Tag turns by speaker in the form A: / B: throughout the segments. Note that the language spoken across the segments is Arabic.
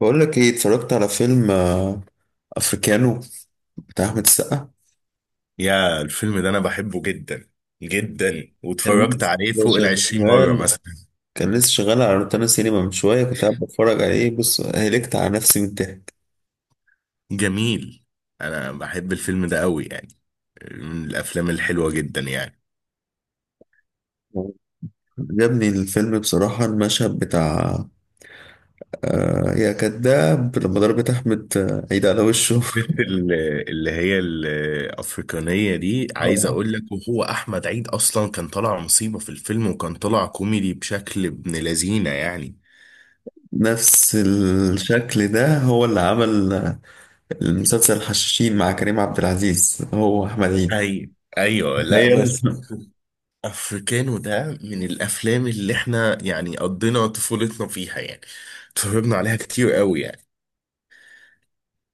A: بقول لك ايه؟ اتفرجت على فيلم افريكانو بتاع احمد السقا.
B: يا الفيلم ده انا بحبه جدا جدا،
A: كان
B: واتفرجت
A: لسه
B: عليه فوق 20 مرة
A: شغال
B: مثلا.
A: كان لسه شغال على روتانا سينما. من شويه كنت قاعد بتفرج عليه. بص، هلكت على نفسي من الضحك.
B: جميل. انا بحب الفيلم ده قوي يعني، من الافلام الحلوة جدا يعني.
A: عجبني الفيلم بصراحه. المشهد بتاع يا كذاب، لما ضربت احمد عيد على وشه.
B: البت ال- اللي هي الافريقانية دي، عايز
A: اه،
B: اقول لك، وهو احمد عيد اصلا كان طالع مصيبة في الفيلم، وكان طالع كوميدي بشكل ابن لذينة يعني.
A: نفس
B: آه.
A: الشكل ده هو اللي عمل المسلسل الحشاشين مع كريم عبد العزيز، هو احمد عيد.
B: ايوه، ايوه، لا
A: تخيل.
B: بس افريكانو ده من الافلام اللي احنا يعني قضينا طفولتنا فيها يعني، اتفرجنا عليها كتير قوي يعني.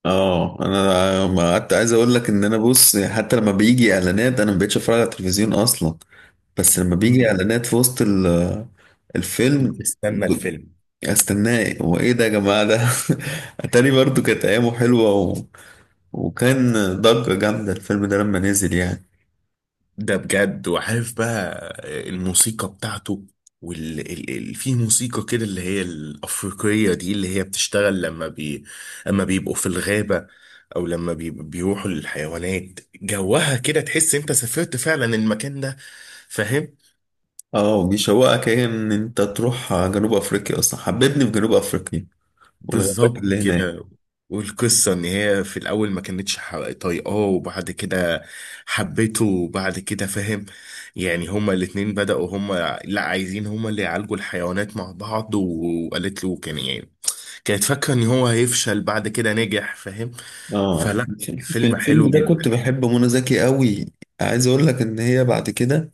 A: اه، انا ما قعدت. عايز اقول لك ان انا، بص، حتى لما بيجي اعلانات انا ما بقتش اتفرج على التلفزيون اصلا، بس لما بيجي
B: مم.
A: اعلانات في وسط الفيلم
B: بنستنى الفيلم.
A: استناه. هو ايه ده يا جماعه ده؟ اتاري برضو كانت ايامه حلوه وكان ضجه جامده الفيلم ده لما نزل يعني.
B: ده بجد. وعارف بقى الموسيقى بتاعته، في موسيقى كده اللي هي الافريقيه دي اللي هي بتشتغل لما بيبقوا في الغابه، او بيروحوا للحيوانات جوها كده، تحس انت سافرت فعلا المكان ده. فاهم؟
A: اه، وبيشوقك ايه ان انت تروح جنوب افريقيا. اصلا حببني في جنوب افريقيا والغابات
B: بالظبط
A: اللي هناك.
B: كده. والقصة إن هي في الأول ما كانتش ح- طايقاه، وبعد كده حبته، وبعد كده فاهم. يعني هما الاتنين بدأوا، هما لا عايزين هما اللي يعالجوا الحيوانات مع بعض، وقالت له كان يعني كانت فاكرة إن هو هيفشل، بعد كده نجح. فاهم؟
A: اه،
B: فلا،
A: في
B: فيلم حلو
A: الفيلم ده
B: جدا
A: كنت
B: يعني.
A: بحب منى زكي قوي. عايز اقول لك ان هي بعد كده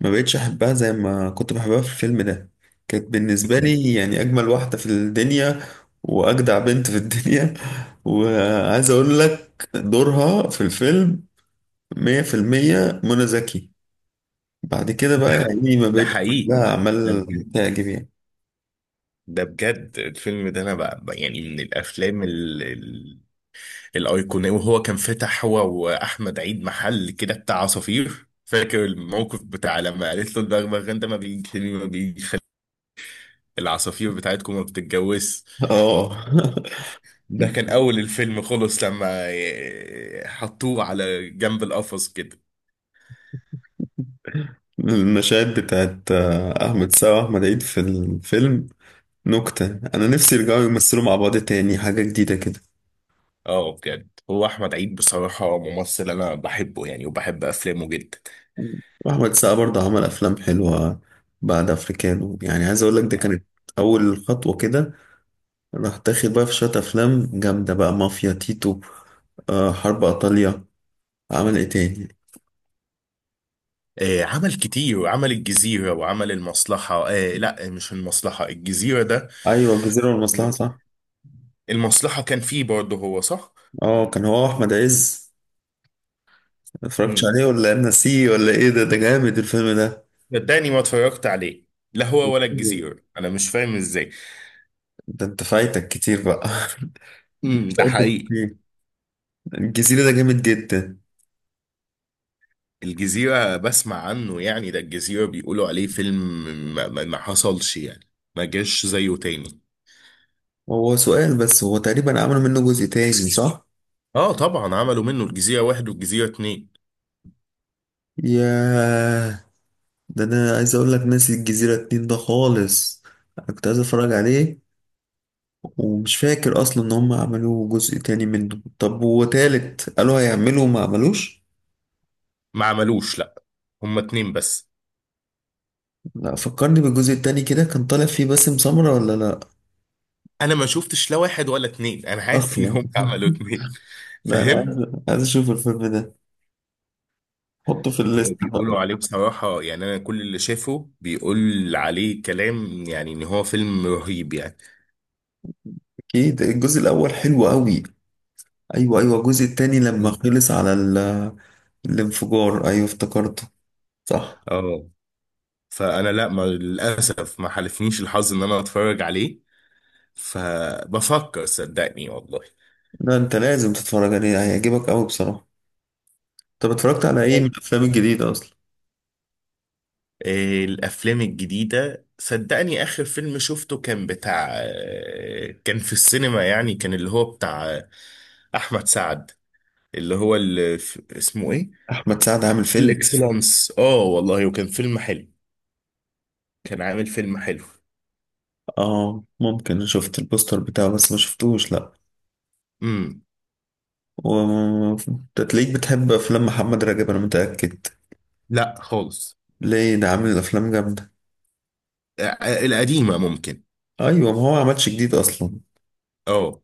A: ما بقتش احبها زي ما كنت بحبها في الفيلم ده. كانت بالنسبة لي يعني اجمل واحدة في الدنيا واجدع بنت في الدنيا. وعايز اقول لك دورها في الفيلم 100% منى زكي. بعد كده
B: ده
A: بقى
B: ح-
A: يعني ما
B: ده
A: بقتش
B: حقيقي.
A: لها
B: ده
A: اعمال
B: بجد.
A: تعجب يعني.
B: ده بجد الفيلم ده أنا يعني من الأفلام الايقونية. وهو كان فتح هو واحمد عيد محل كده بتاع عصافير، فاكر الموقف بتاع لما قالت له البغبغان ده ما بيجيش ليه، ما بيجيش العصافير بتاعتكم ما بتتجوز.
A: اه.
B: ده كان اول الفيلم خلص لما حطوه على جنب القفص كده.
A: المشاهد بتاعت احمد سعد واحمد عيد في الفيلم نكتة. انا نفسي يرجعوا يمثلوا مع بعض تاني حاجة جديدة كده.
B: اه بجد، هو احمد عيد بصراحة ممثل انا بحبه يعني، وبحب افلامه جدا.
A: واحمد السقا برضه عمل افلام حلوه بعد افريكانو. يعني عايز اقول لك ده كانت اول خطوه كده. راح تاخد بقى في شويه افلام جامده بقى، مافيا تيتو، حرب ايطاليا. عمل ايه تاني؟
B: عمل كتير، وعمل الجزيرة وعمل المصلحة. آه لا، مش المصلحة، الجزيرة ده.
A: ايوه، الجزيره والمصلحه، صح.
B: المصلحة كان فيه برضه هو، صح؟
A: اه، كان هو احمد عز. ما اتفرجتش
B: امم
A: عليه ولا انا ناسيه ولا ايه؟ ده جامد الفيلم ده.
B: صدقني ما اتفرجت عليه، لا هو ولا الجزيرة، انا مش فاهم ازاي.
A: ده انت فايتك كتير بقى.
B: ده
A: فايتك
B: حقيقي.
A: كتير. الجزيره ده جامد جدا.
B: الجزيرة بسمع عنه يعني، ده الجزيرة بيقولوا عليه فيلم ما حصلش يعني، ما جاش زيه تاني.
A: هو سؤال بس، هو تقريبا عملوا منه جزء تاني، صح؟
B: اه طبعا، عملوا منه الجزيرة واحد والجزيرة اتنين.
A: ياه، ده انا عايز اقول لك ناسي الجزيرة اتنين ده خالص. أنا كنت عايز اتفرج عليه، ومش فاكر اصلا ان هم عملوا جزء تاني منه. طب، وتالت قالوا هيعملوا وما عملوش.
B: ما عملوش، لا، هما اتنين بس.
A: لا، فكرني بالجزء التاني كده. كان طالع فيه باسم سمرة ولا لا
B: انا ما شفتش لا واحد ولا اتنين، انا عارف ان
A: اصلا؟
B: هم عملوا اتنين.
A: لا، انا
B: فاهم؟
A: عايز اشوف الفيلم ده. حطه في
B: هو
A: الليست
B: بيقولوا
A: بقى.
B: عليه بصراحة يعني انا كل اللي شافه بيقول عليه كلام يعني ان هو فيلم رهيب يعني.
A: اكيد الجزء الاول حلو قوي. ايوه، ايوه، الجزء التاني لما خلص على الانفجار. ايوه افتكرته، صح.
B: اه. فانا لا، ما للاسف ما حالفنيش الحظ ان انا اتفرج عليه، فبفكر صدقني والله.
A: لا، انت لازم تتفرج عليه، هيعجبك قوي بصراحة. طب اتفرجت على ايه
B: طب،
A: من الافلام الجديده اصلا؟
B: إيه الافلام الجديده؟ صدقني اخر فيلم شفته كان بتاع كان في السينما يعني، كان اللي هو بتاع احمد سعد، اللي هو اسمه ايه،
A: احمد سعد عامل فيلم.
B: الاكسلانس. اه والله، وكان فيلم حلو، كان عامل فيلم حلو.
A: اه ممكن، أنا شفت البوستر بتاعه بس ما شفتوش، لا.
B: امم
A: و... انت تلاقيك بتحب افلام محمد رجب، انا متاكد.
B: لا خالص.
A: ليه؟ ده عامل افلام جامده.
B: القديمه ممكن.
A: ايوه، ما هو ما عملش جديد اصلا.
B: اه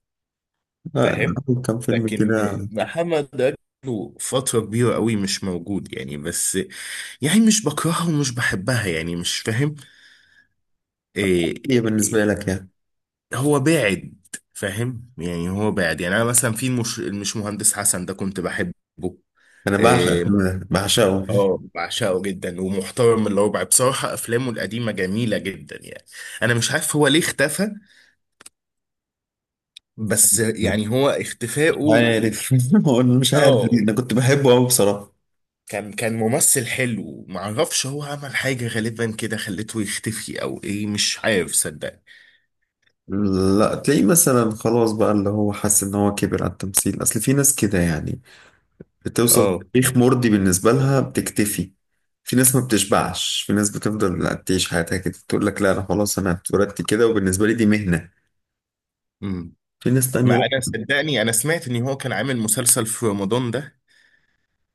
A: لا، أنا.
B: فاهم.
A: عامل كام فيلم
B: لكن
A: كده؟
B: محمد له فترة كبيرة قوي مش موجود يعني، بس يعني مش بكرهها ومش بحبها يعني، مش فاهم إيه.
A: ايه
B: إيه،
A: بالنسبه لك يعني؟
B: هو باعد. فاهم؟ يعني هو باعد. يعني انا مثلا في المش مهندس حسن ده كنت بحبه.
A: انا بعشق
B: إيه،
A: الفيلم ده بعشقه، مش
B: اه بعشقه جدا، ومحترم الربع بصراحة، افلامه القديمة جميلة جدا يعني. انا مش عارف هو ليه اختفى، بس يعني هو اختفائه...
A: عارف. هو أنا مش عارف
B: اه
A: ليه. انا كنت بحبه قوي بصراحه.
B: كان ممثل حلو، معرفش هو عمل حاجة غالبا كده خلته يختفي او ايه، مش عارف صدقني.
A: لا، تلاقيه مثلا خلاص بقى اللي هو حس ان هو كبر على التمثيل. اصل في ناس كده يعني، بتوصل
B: اه.
A: تاريخ مرضي بالنسبة لها بتكتفي. في ناس ما بتشبعش، في ناس بتفضل لا تعيش حياتها كده تقول لك لا أنا خلاص، أنا اتولدت كده وبالنسبة لي دي مهنة.
B: امم
A: في ناس
B: ما
A: تانية.
B: انا صدقني انا سمعت ان هو كان عامل مسلسل في رمضان ده،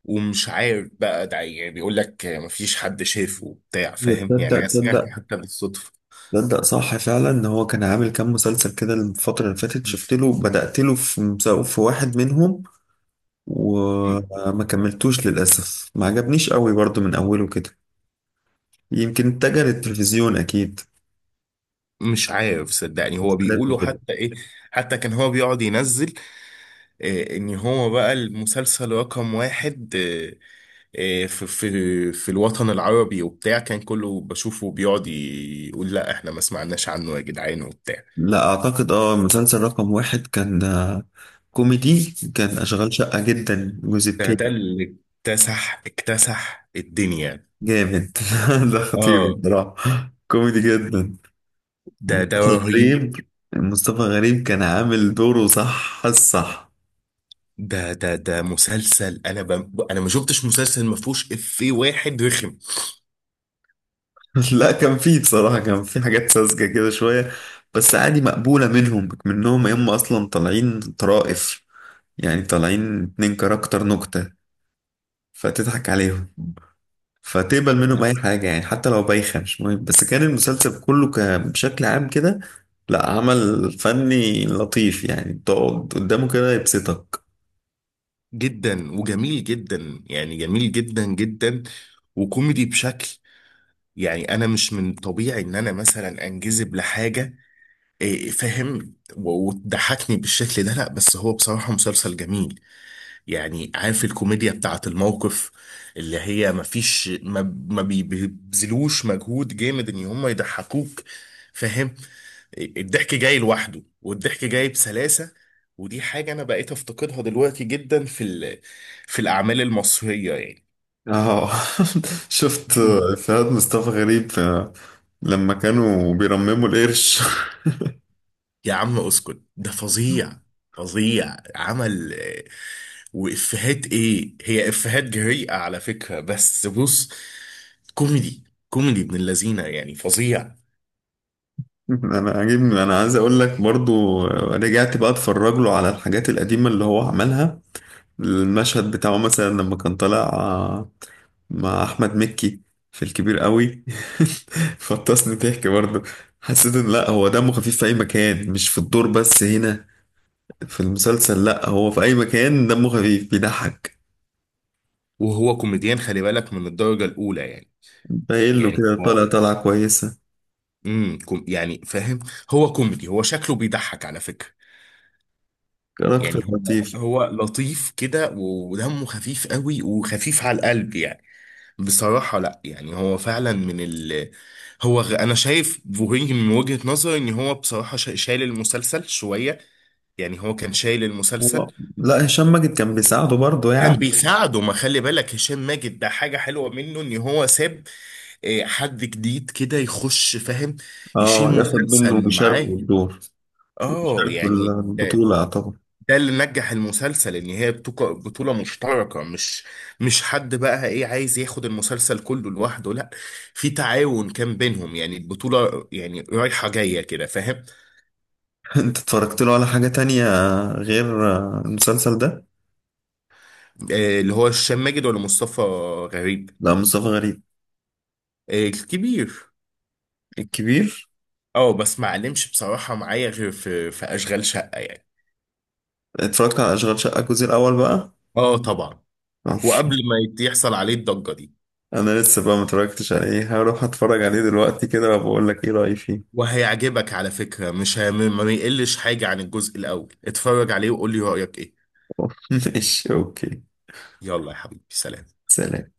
B: ومش عارف بقى ده، يعني بيقول لك مفيش حد شافه وبتاع،
A: لا،
B: فاهم يعني،
A: تصدق،
B: انا سمعت
A: تصدق،
B: حتى بالصدفة.
A: تصدق، صح فعلا إن هو كان عامل كام مسلسل كده الفترة اللي فاتت. شفت له، بدأت له في في واحد منهم، وما كملتوش للأسف. ما عجبنيش قوي برضو من أوله كده. يمكن اتجه للتلفزيون أكيد.
B: مش عارف صدقني، هو بيقولوا حتى ايه، حتى كان هو بيقعد ينزل ان هو بقى المسلسل رقم واحد في في الوطن العربي وبتاع، كان كله بشوفه بيقعد يقول لا احنا ما سمعناش عنه يا جدعان، وبتاع.
A: لا اعتقد، اه، مسلسل رقم واحد كان كوميدي. كان اشغال شقة جدا الجزء
B: ده
A: التاني.
B: اللي اكتسح الدنيا.
A: جامد. ده خطير
B: اه.
A: بصراحة، كوميدي جدا.
B: ده
A: مصطفى
B: رهيب.
A: غريب مصطفى غريب كان عامل دوره، صح الصح.
B: ده مسلسل، انا انا ما شفتش مسلسل ما فيهوش افيه واحد رخم.
A: لا، كان فيه بصراحة، كان فيه حاجات ساذجة كده شوية، بس عادي مقبولة منهم. هم اصلا طالعين طرائف يعني، طالعين اتنين كاركتر نكتة، فتضحك عليهم فتقبل منهم اي حاجه يعني، حتى لو بايخه مش مهم. بس كان المسلسل كله بشكل عام كده لا، عمل فني لطيف يعني، تقعد قدامه كده يبسطك.
B: جدا وجميل جدا يعني، جميل جدا جدا، وكوميدي بشكل يعني. انا مش من طبيعي ان انا مثلا انجذب لحاجه فاهم وتضحكني بالشكل ده، لا بس هو بصراحه مسلسل جميل يعني. عارف الكوميديا بتاعت الموقف، اللي هي مفيش ما ما بي- بيبذلوش مجهود جامد ان هم يضحكوك. فاهم؟ الضحك جاي لوحده، والضحك جاي بسلاسة. ودي حاجة انا بقيت افتقدها دلوقتي جدا في في الاعمال المصرية يعني.
A: اه. شفت
B: مم.
A: افيهات مصطفى غريب لما كانوا بيرمموا القرش.
B: يا عم اسكت، ده فظيع، فظيع. عمل وإفيهات، إيه هي إفيهات جريئة على فكرة، بس بص، كوميدي، كوميدي ابن اللذينة يعني، فظيع.
A: انا عاجبني، انا عايز اقول لك برضو رجعت بقى اتفرج له على الحاجات القديمه اللي هو عملها. المشهد بتاعه مثلا لما كان طالع مع احمد مكي في الكبير قوي. فطسني ضحك برضه. حسيت ان لا، هو دمه خفيف في اي مكان، مش في الدور بس. هنا في المسلسل، لا، هو في اي مكان دمه خفيف بيضحك.
B: وهو كوميديان، خلي بالك، من الدرجة الأولى يعني.
A: قايل له
B: يعني
A: كده،
B: هو
A: طالع، طالعه كويسه.
B: كوم يعني فاهم، هو كوميدي، هو شكله بيضحك على فكرة.
A: كاركتر
B: يعني هو
A: لطيف.
B: هو لطيف كده، ودمه خفيف قوي، وخفيف على القلب يعني. بصراحة لا يعني هو فعلا من ال... أنا شايف بوهينج من وجهة نظري، إن هو بصراحة شايل المسلسل شوية، يعني هو كان شايل المسلسل.
A: هو، لا، هشام ماجد كان بيساعده برضه
B: كان
A: يعني.
B: بيساعده. ما خلي بالك هشام ماجد ده حاجة حلوة منه ان هو ساب حد جديد كده يخش فاهم، يشيل
A: اه، ياخد منه
B: مسلسل
A: ويشاركه
B: معاه.
A: الدور.
B: اه
A: يشاركه
B: يعني ده،
A: البطولة طبعا.
B: ده اللي نجح المسلسل، ان هي بطولة مشتركة، مش حد بقى ايه عايز ياخد المسلسل كله لوحده، لا، في تعاون كان بينهم يعني، البطولة يعني رايحة جاية كده، فاهم.
A: انت اتفرجت له على حاجة تانية غير المسلسل ده؟
B: اللي هو هشام ماجد ولا مصطفى غريب؟
A: لا، مصطفى غريب،
B: الكبير.
A: الكبير.
B: اه بس ما علمش بصراحة معايا غير في أشغال شقة يعني.
A: اتفرجت على أشغال شقة الجزء الأول بقى؟
B: اه طبعا.
A: معرفش.
B: وقبل ما يحصل عليه الضجة دي.
A: أنا لسه بقى متفرجتش عليه، هروح أتفرج عليه دلوقتي كده وبقول لك إيه رأيي فيه.
B: وهيعجبك على فكرة، مش هي... ما يقلش حاجة عن الجزء الأول، اتفرج عليه وقول لي رأيك ايه.
A: ماشي، أوكي.
B: يلا يا حبيبي، سلام.
A: سلام.